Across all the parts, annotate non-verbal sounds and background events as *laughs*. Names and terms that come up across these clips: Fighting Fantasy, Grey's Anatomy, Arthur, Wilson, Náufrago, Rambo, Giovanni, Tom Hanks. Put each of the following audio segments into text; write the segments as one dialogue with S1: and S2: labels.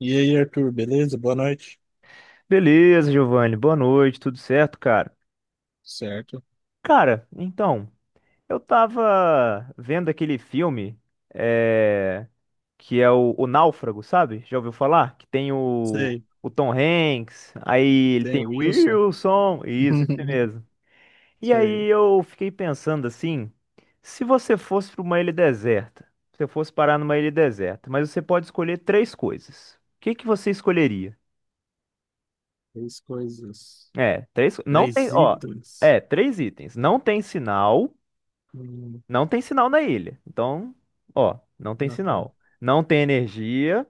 S1: E aí, Arthur, beleza? Boa noite.
S2: Beleza, Giovanni. Boa noite, tudo certo, cara?
S1: Certo.
S2: Cara, então, eu tava vendo aquele filme é, que é o Náufrago, sabe? Já ouviu falar? Que tem
S1: Sei,
S2: o Tom Hanks, aí ele
S1: tem
S2: tem
S1: o
S2: o
S1: Wilson.
S2: Wilson, isso, esse
S1: *laughs*
S2: mesmo. E
S1: Sei,
S2: aí eu fiquei pensando assim, se você fosse para uma ilha deserta, se você fosse parar numa ilha deserta, mas você pode escolher três coisas. O que que você escolheria?
S1: três coisas.
S2: É, três. Não tem,
S1: Três
S2: ó.
S1: itens.
S2: É, três itens. Não tem sinal.
S1: Hum,
S2: Não tem sinal na ilha. Então, ó, não tem
S1: não, tá.
S2: sinal. Não tem energia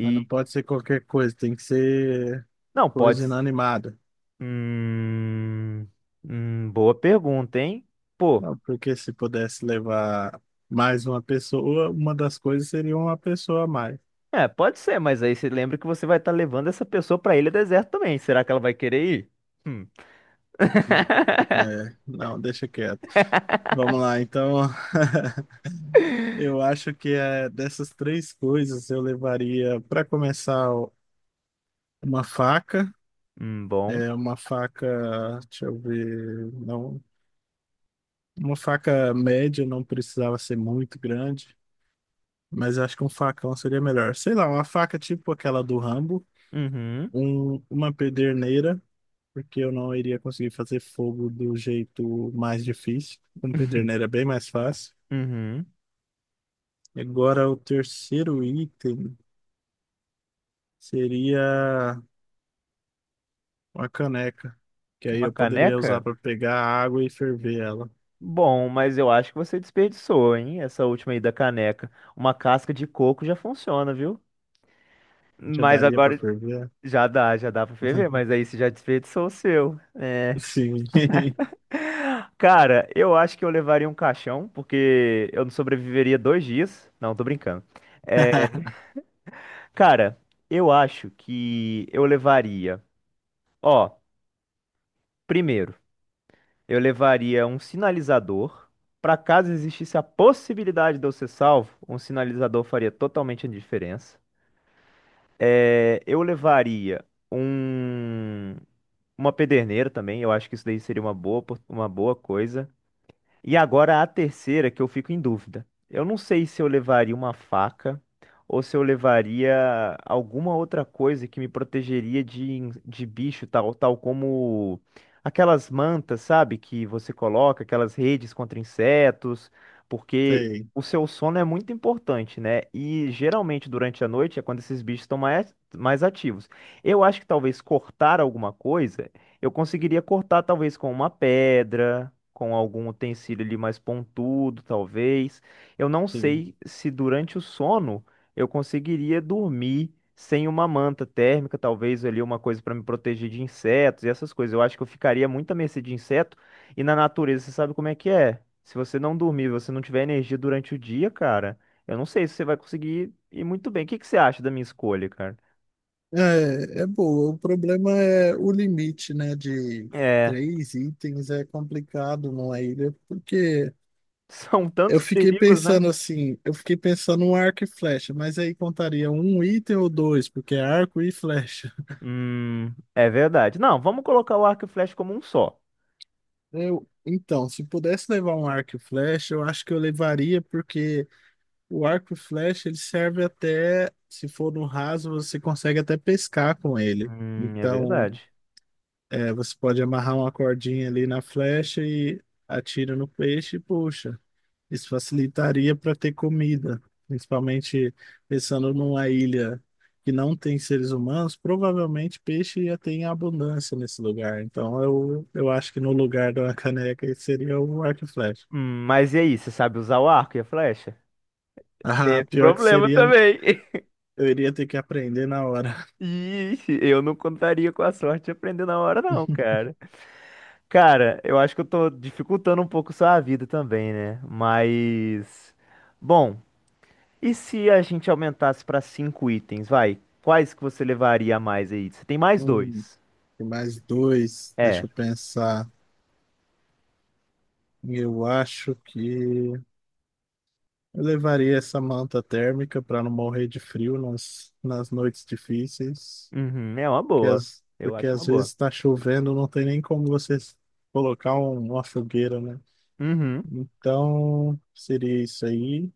S1: Mas não pode ser qualquer coisa, tem que ser
S2: Não,
S1: coisa
S2: pode.
S1: inanimada.
S2: Hum, Boa pergunta, hein? Pô,
S1: Não, porque se pudesse levar mais uma pessoa, uma das coisas seria uma pessoa a mais.
S2: é, pode ser, mas aí você lembra que você vai estar levando essa pessoa pra ilha deserta também. Será que ela vai querer ir? Hum,
S1: É, não, deixa quieto. Vamos lá, então. *laughs* Eu acho que dessas três coisas eu levaria, para começar. Uma faca,
S2: Bom.
S1: é uma faca, deixa eu ver, não, uma faca média não precisava ser muito grande, mas acho que um facão seria melhor. Sei lá, uma faca tipo aquela do Rambo,
S2: Uhum.
S1: uma pederneira, porque eu não iria conseguir fazer fogo do jeito mais difícil. Com pederneira é
S2: *laughs*
S1: bem mais fácil.
S2: Uhum.
S1: Agora o terceiro item seria uma caneca, que aí
S2: Uma
S1: eu poderia usar
S2: caneca?
S1: para pegar água e ferver ela.
S2: Bom, mas eu acho que você desperdiçou, hein? Essa última aí da caneca. Uma casca de coco já funciona, viu?
S1: Já
S2: Mas
S1: daria para
S2: agora
S1: ferver?
S2: já dá pra ferver,
S1: *laughs*
S2: mas aí você já desperdiçou o seu. É.
S1: Sim.
S2: Cara, eu acho que eu levaria um caixão, porque eu não sobreviveria 2 dias. Não, tô brincando. É,
S1: *laughs*
S2: cara, eu acho que eu levaria. Ó, primeiro, eu levaria um sinalizador. Pra caso existisse a possibilidade de eu ser salvo, um sinalizador faria totalmente a diferença. É, eu levaria um, uma pederneira também, eu acho que isso daí seria uma boa, uma boa coisa. E agora a terceira que eu fico em dúvida. Eu não sei se eu levaria uma faca ou se eu levaria alguma outra coisa que me protegeria de, de bicho, tal como aquelas mantas, sabe, que você coloca, aquelas redes contra insetos, porque
S1: Sei,
S2: o seu sono é muito importante, né? E geralmente durante a noite é quando esses bichos estão mais ativos. Eu acho que talvez cortar alguma coisa, eu conseguiria cortar talvez com uma pedra com algum utensílio ali mais pontudo, talvez. Eu não
S1: sim.
S2: sei se durante o sono eu conseguiria dormir sem uma manta térmica, talvez ali uma coisa para me proteger de insetos e essas coisas. Eu acho que eu ficaria muito à mercê de inseto e na natureza você sabe como é que é. Se você não dormir, você não tiver energia durante o dia, cara, eu não sei se você vai conseguir ir muito bem. O que que você acha da minha escolha, cara?
S1: É, é boa. O problema é o limite, né, de
S2: É,
S1: três itens é complicado numa ilha, porque
S2: *laughs* são
S1: eu
S2: tantos
S1: fiquei
S2: perigos, né?
S1: pensando assim, eu fiquei pensando no arco e flecha, mas aí contaria um item ou dois, porque é arco e flecha.
S2: É verdade. Não, vamos colocar o arco e flecha como um só.
S1: Eu, então, se pudesse levar um arco e flecha, eu acho que eu levaria, porque o arco e flecha ele serve até, se for no raso, você consegue até pescar com ele.
S2: É
S1: Então
S2: verdade.
S1: é, você pode amarrar uma cordinha ali na flecha e atira no peixe e puxa. Isso facilitaria para ter comida, principalmente pensando numa ilha que não tem seres humanos, provavelmente peixe ia ter em abundância nesse lugar. Então eu acho que no lugar da caneca esse seria o arco e flecha.
S2: Mas e aí, você sabe usar o arco e a flecha? Teve
S1: Ah, pior que
S2: problema
S1: seria,
S2: também. *laughs*
S1: eu iria ter que aprender na hora.
S2: Ixi, eu não contaria com a sorte de aprender na hora, não,
S1: *laughs*
S2: cara. Cara, eu acho que eu tô dificultando um pouco sua vida também, né? Mas. Bom, e se a gente aumentasse pra cinco itens, vai? Quais que você levaria a mais aí? Você tem mais
S1: Hum,
S2: dois.
S1: tem mais dois, deixa
S2: É.
S1: eu pensar. Eu acho que. Eu levaria essa manta térmica para não morrer de frio nas, nas noites difíceis,
S2: Uhum, é uma
S1: que
S2: boa.
S1: as,
S2: Eu
S1: porque
S2: acho uma
S1: às vezes
S2: boa.
S1: está chovendo, não tem nem como você colocar uma fogueira, né?
S2: Uhum.
S1: Então, seria isso aí.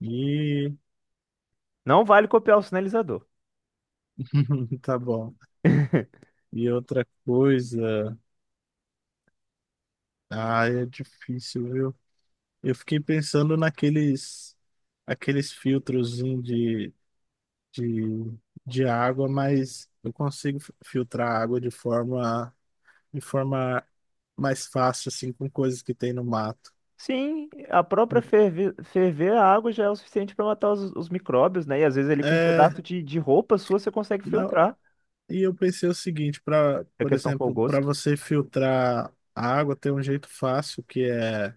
S1: E
S2: Não vale copiar o sinalizador.
S1: *laughs* tá bom.
S2: *laughs*
S1: E outra coisa, ah, é difícil, viu? Eu fiquei pensando naqueles aqueles filtros de, de água, mas eu consigo filtrar a água de forma mais fácil, assim, com coisas que tem no mato.
S2: Sim, a própria ferver, ferver a água já é o suficiente para matar os micróbios, né? E às vezes ele com um
S1: É,
S2: pedaço de roupa sua você consegue
S1: não,
S2: filtrar.
S1: e eu pensei o seguinte, para,
S2: A
S1: por
S2: questão foi o
S1: exemplo, para
S2: gosto.
S1: você filtrar a água, tem um jeito fácil que é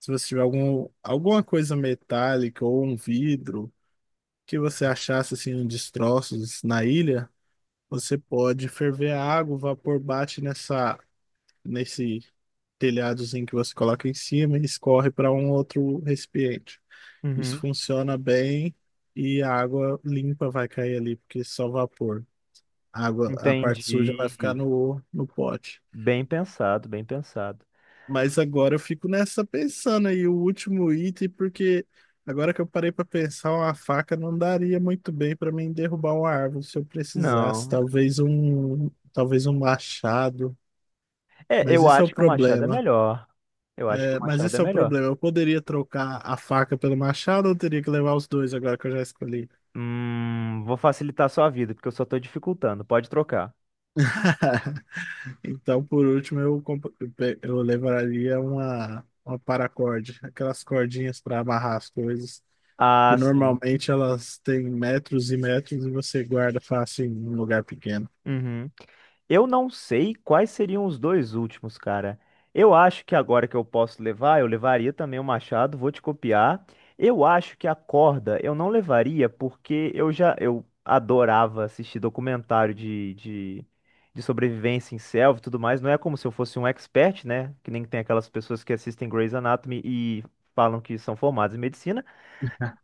S1: se você tiver algum, alguma coisa metálica ou um vidro que você achasse assim em destroços na ilha, você pode ferver a água, o vapor bate nessa nesse telhadozinho que você coloca em cima e escorre para um outro recipiente. Isso
S2: Uhum.
S1: funciona bem e a água limpa vai cair ali, porque é só vapor. A água, a parte suja vai ficar
S2: Entendi.
S1: no pote.
S2: Bem pensado, bem pensado.
S1: Mas agora eu fico nessa pensando aí, o último item, porque agora que eu parei para pensar, uma faca não daria muito bem para mim derrubar uma árvore se eu precisasse.
S2: Não.
S1: Talvez talvez um machado.
S2: É,
S1: Mas
S2: eu
S1: isso é o
S2: acho que o machado é
S1: problema.
S2: melhor. Eu acho que o
S1: É, mas
S2: machado é
S1: isso é o
S2: melhor.
S1: problema. Eu poderia trocar a faca pelo machado ou eu teria que levar os dois agora que eu já escolhi?
S2: Vou facilitar a sua vida, porque eu só tô dificultando. Pode trocar.
S1: *laughs* Então, por último, eu, comp- eu pe- eu levaria uma paracorde, aquelas cordinhas para amarrar as coisas, que
S2: Ah, sim.
S1: normalmente elas têm metros e metros e você guarda fácil em um lugar pequeno.
S2: Uhum. Eu não sei quais seriam os dois últimos, cara. Eu acho que agora que eu posso levar, eu levaria também o machado, vou te copiar. Eu acho que a corda eu não levaria porque eu já eu adorava assistir documentário de sobrevivência em selva e tudo mais. Não é como se eu fosse um expert, né? Que nem tem aquelas pessoas que assistem Grey's Anatomy e falam que são formadas em medicina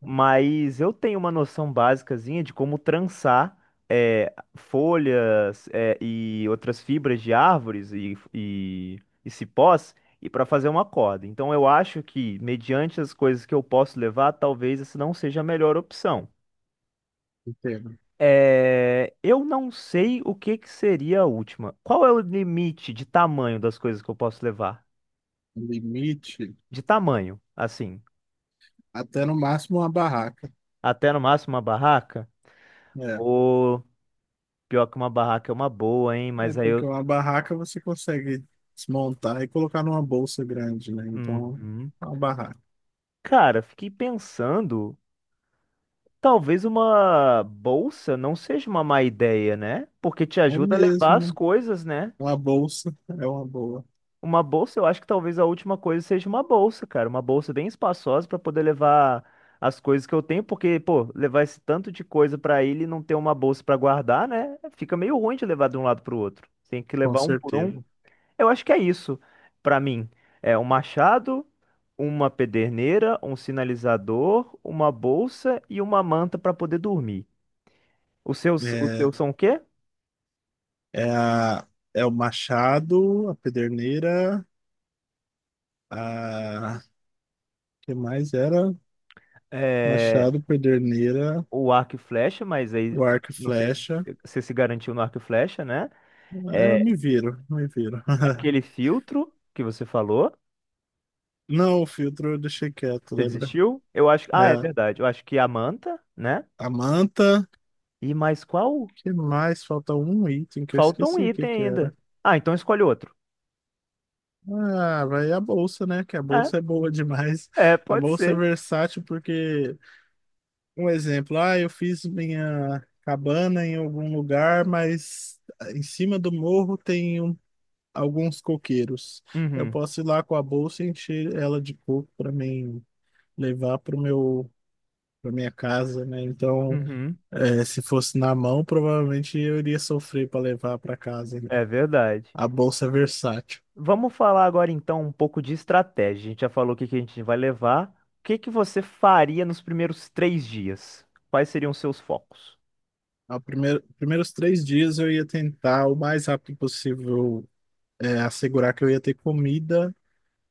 S2: mas eu tenho uma noção básicazinha de como trançar folhas, e outras fibras de árvores e cipós e para fazer uma corda. Então eu acho que, mediante as coisas que eu posso levar, talvez essa não seja a melhor opção.
S1: Entendo.
S2: É, eu não sei o que que seria a última. Qual é o limite de tamanho das coisas que eu posso levar?
S1: Limite,
S2: De tamanho, assim,
S1: até no máximo uma barraca.
S2: até no máximo uma barraca?
S1: É,
S2: Pô, pior que uma barraca é uma boa, hein?
S1: é
S2: Mas aí
S1: porque
S2: eu.
S1: uma barraca você consegue desmontar e colocar numa bolsa grande, né? Então,
S2: Uhum.
S1: é uma barraca.
S2: Cara, fiquei pensando, talvez uma bolsa não seja uma má ideia, né? Porque te
S1: É
S2: ajuda a levar
S1: mesmo,
S2: as
S1: né?
S2: coisas, né?
S1: Uma bolsa é uma boa,
S2: Uma bolsa, eu acho que talvez a última coisa seja uma bolsa, cara, uma bolsa bem espaçosa para poder levar as coisas que eu tenho, porque, pô, levar esse tanto de coisa pra ele e não ter uma bolsa pra guardar, né? Fica meio ruim de levar de um lado pro outro. Tem que
S1: com
S2: levar um por um.
S1: certeza.
S2: Eu acho que é isso pra mim. É um machado, uma pederneira, um sinalizador, uma bolsa e uma manta pra poder dormir. Os seus, os
S1: É,
S2: seus são o quê?
S1: É, é o Machado, a Pederneira, a que mais era?
S2: É,
S1: Machado, Pederneira,
S2: o arco e flecha, mas aí eu
S1: o arco e
S2: não sei se
S1: flecha.
S2: você se garantiu no arco e flecha, né?
S1: É, eu
S2: É
S1: me viro, me viro.
S2: aquele filtro que você falou.
S1: *laughs* Não, o filtro eu deixei quieto,
S2: Você
S1: lembra?
S2: desistiu? Eu acho. Ah, é
S1: É,
S2: verdade. Eu acho que a manta, né?
S1: a manta,
S2: E mais qual?
S1: que mais? Falta um item que eu
S2: Falta um
S1: esqueci o que
S2: item
S1: que era.
S2: ainda. Ah, então escolhe outro.
S1: Ah, vai a bolsa, né? Que a
S2: É,
S1: bolsa é boa demais.
S2: É,
S1: A
S2: pode
S1: bolsa é
S2: ser.
S1: versátil porque um exemplo, ah, eu fiz minha cabana em algum lugar, mas em cima do morro tem alguns coqueiros. Eu
S2: Uhum.
S1: posso ir lá com a bolsa e encher ela de coco para mim levar para o meu para minha casa, né? Então,
S2: Uhum.
S1: se fosse na mão, provavelmente eu iria sofrer para levar para casa, né?
S2: É verdade.
S1: A bolsa é versátil.
S2: Vamos falar agora então um pouco de estratégia. A gente já falou o que que a gente vai levar. O que que você faria nos primeiros 3 dias? Quais seriam os seus focos?
S1: Ao primeiro, primeiros três dias eu ia tentar o mais rápido possível, assegurar que eu ia ter comida,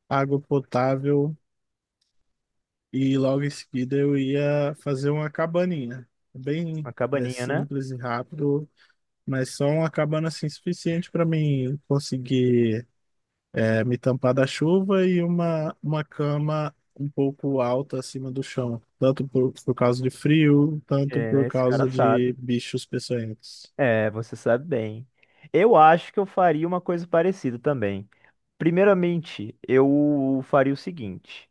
S1: água potável. E logo em seguida eu ia fazer uma cabaninha. Bem,
S2: A
S1: é,
S2: cabaninha, né?
S1: simples e rápido, mas só uma cabana assim suficiente para mim conseguir me tampar da chuva e uma cama um pouco alta acima do chão. Tanto por causa de frio, tanto
S2: É,
S1: por
S2: esse cara
S1: causa de
S2: sabe.
S1: bichos peçonhentos.
S2: É, você sabe bem. Eu acho que eu faria uma coisa parecida também. Primeiramente, eu faria o seguinte.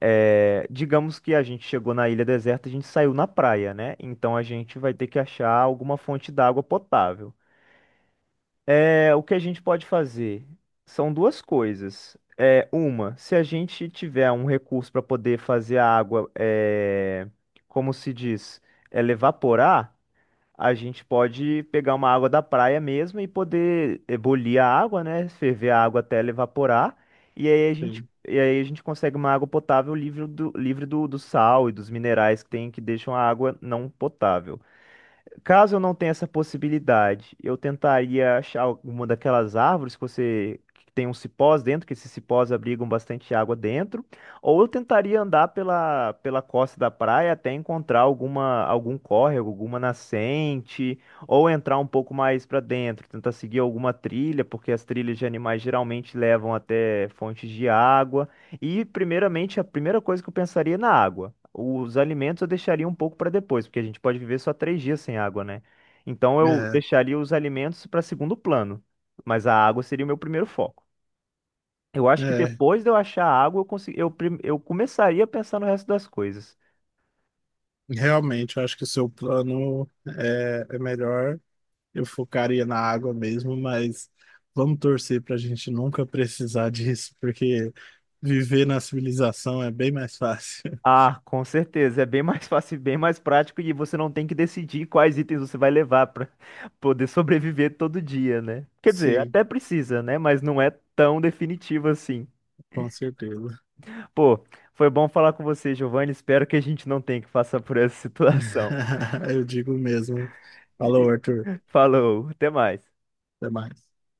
S2: É, digamos que a gente chegou na ilha deserta, a gente saiu na praia, né? Então a gente vai ter que achar alguma fonte d'água potável. É, o que a gente pode fazer são duas coisas. É, uma, se a gente tiver um recurso para poder fazer a água, é, como se diz, ela evaporar, a gente pode pegar uma água da praia mesmo e poder ebulir a água, né? Ferver a água até ela evaporar. E aí a gente,
S1: Sim.
S2: e aí a gente consegue uma água potável livre do sal e dos minerais que tem que deixam a água não potável. Caso eu não tenha essa possibilidade, eu tentaria achar alguma daquelas árvores que você que tem uns cipós dentro, que esses cipós abrigam bastante água dentro, ou eu tentaria andar pela costa da praia até encontrar algum córrego, alguma nascente, ou entrar um pouco mais para dentro, tentar seguir alguma trilha, porque as trilhas de animais geralmente levam até fontes de água. E primeiramente, a primeira coisa que eu pensaria é na água. Os alimentos eu deixaria um pouco para depois, porque a gente pode viver só 3 dias sem água, né? Então eu
S1: É,
S2: deixaria os alimentos para segundo plano, mas a água seria o meu primeiro foco. Eu acho que
S1: é.
S2: depois de eu achar a água, eu, consegui, eu, prim- eu começaria a pensar no resto das coisas.
S1: Realmente, eu acho que o seu plano é melhor. Eu focaria na água mesmo, mas vamos torcer para a gente nunca precisar disso, porque viver na civilização é bem mais fácil. *laughs*
S2: Ah, com certeza, é bem mais *laughs* fácil, e bem mais prático e você não tem que decidir quais itens você vai levar para *laughs* poder sobreviver todo dia, né? Quer dizer,
S1: Sim,
S2: até precisa, né? Mas não é tão definitivo assim.
S1: com certeza.
S2: Pô, foi bom falar com você, Giovanni. Espero que a gente não tenha que passar por essa situação.
S1: *laughs* Eu digo mesmo. Falou, Arthur.
S2: *laughs* Falou, até mais.
S1: Até mais.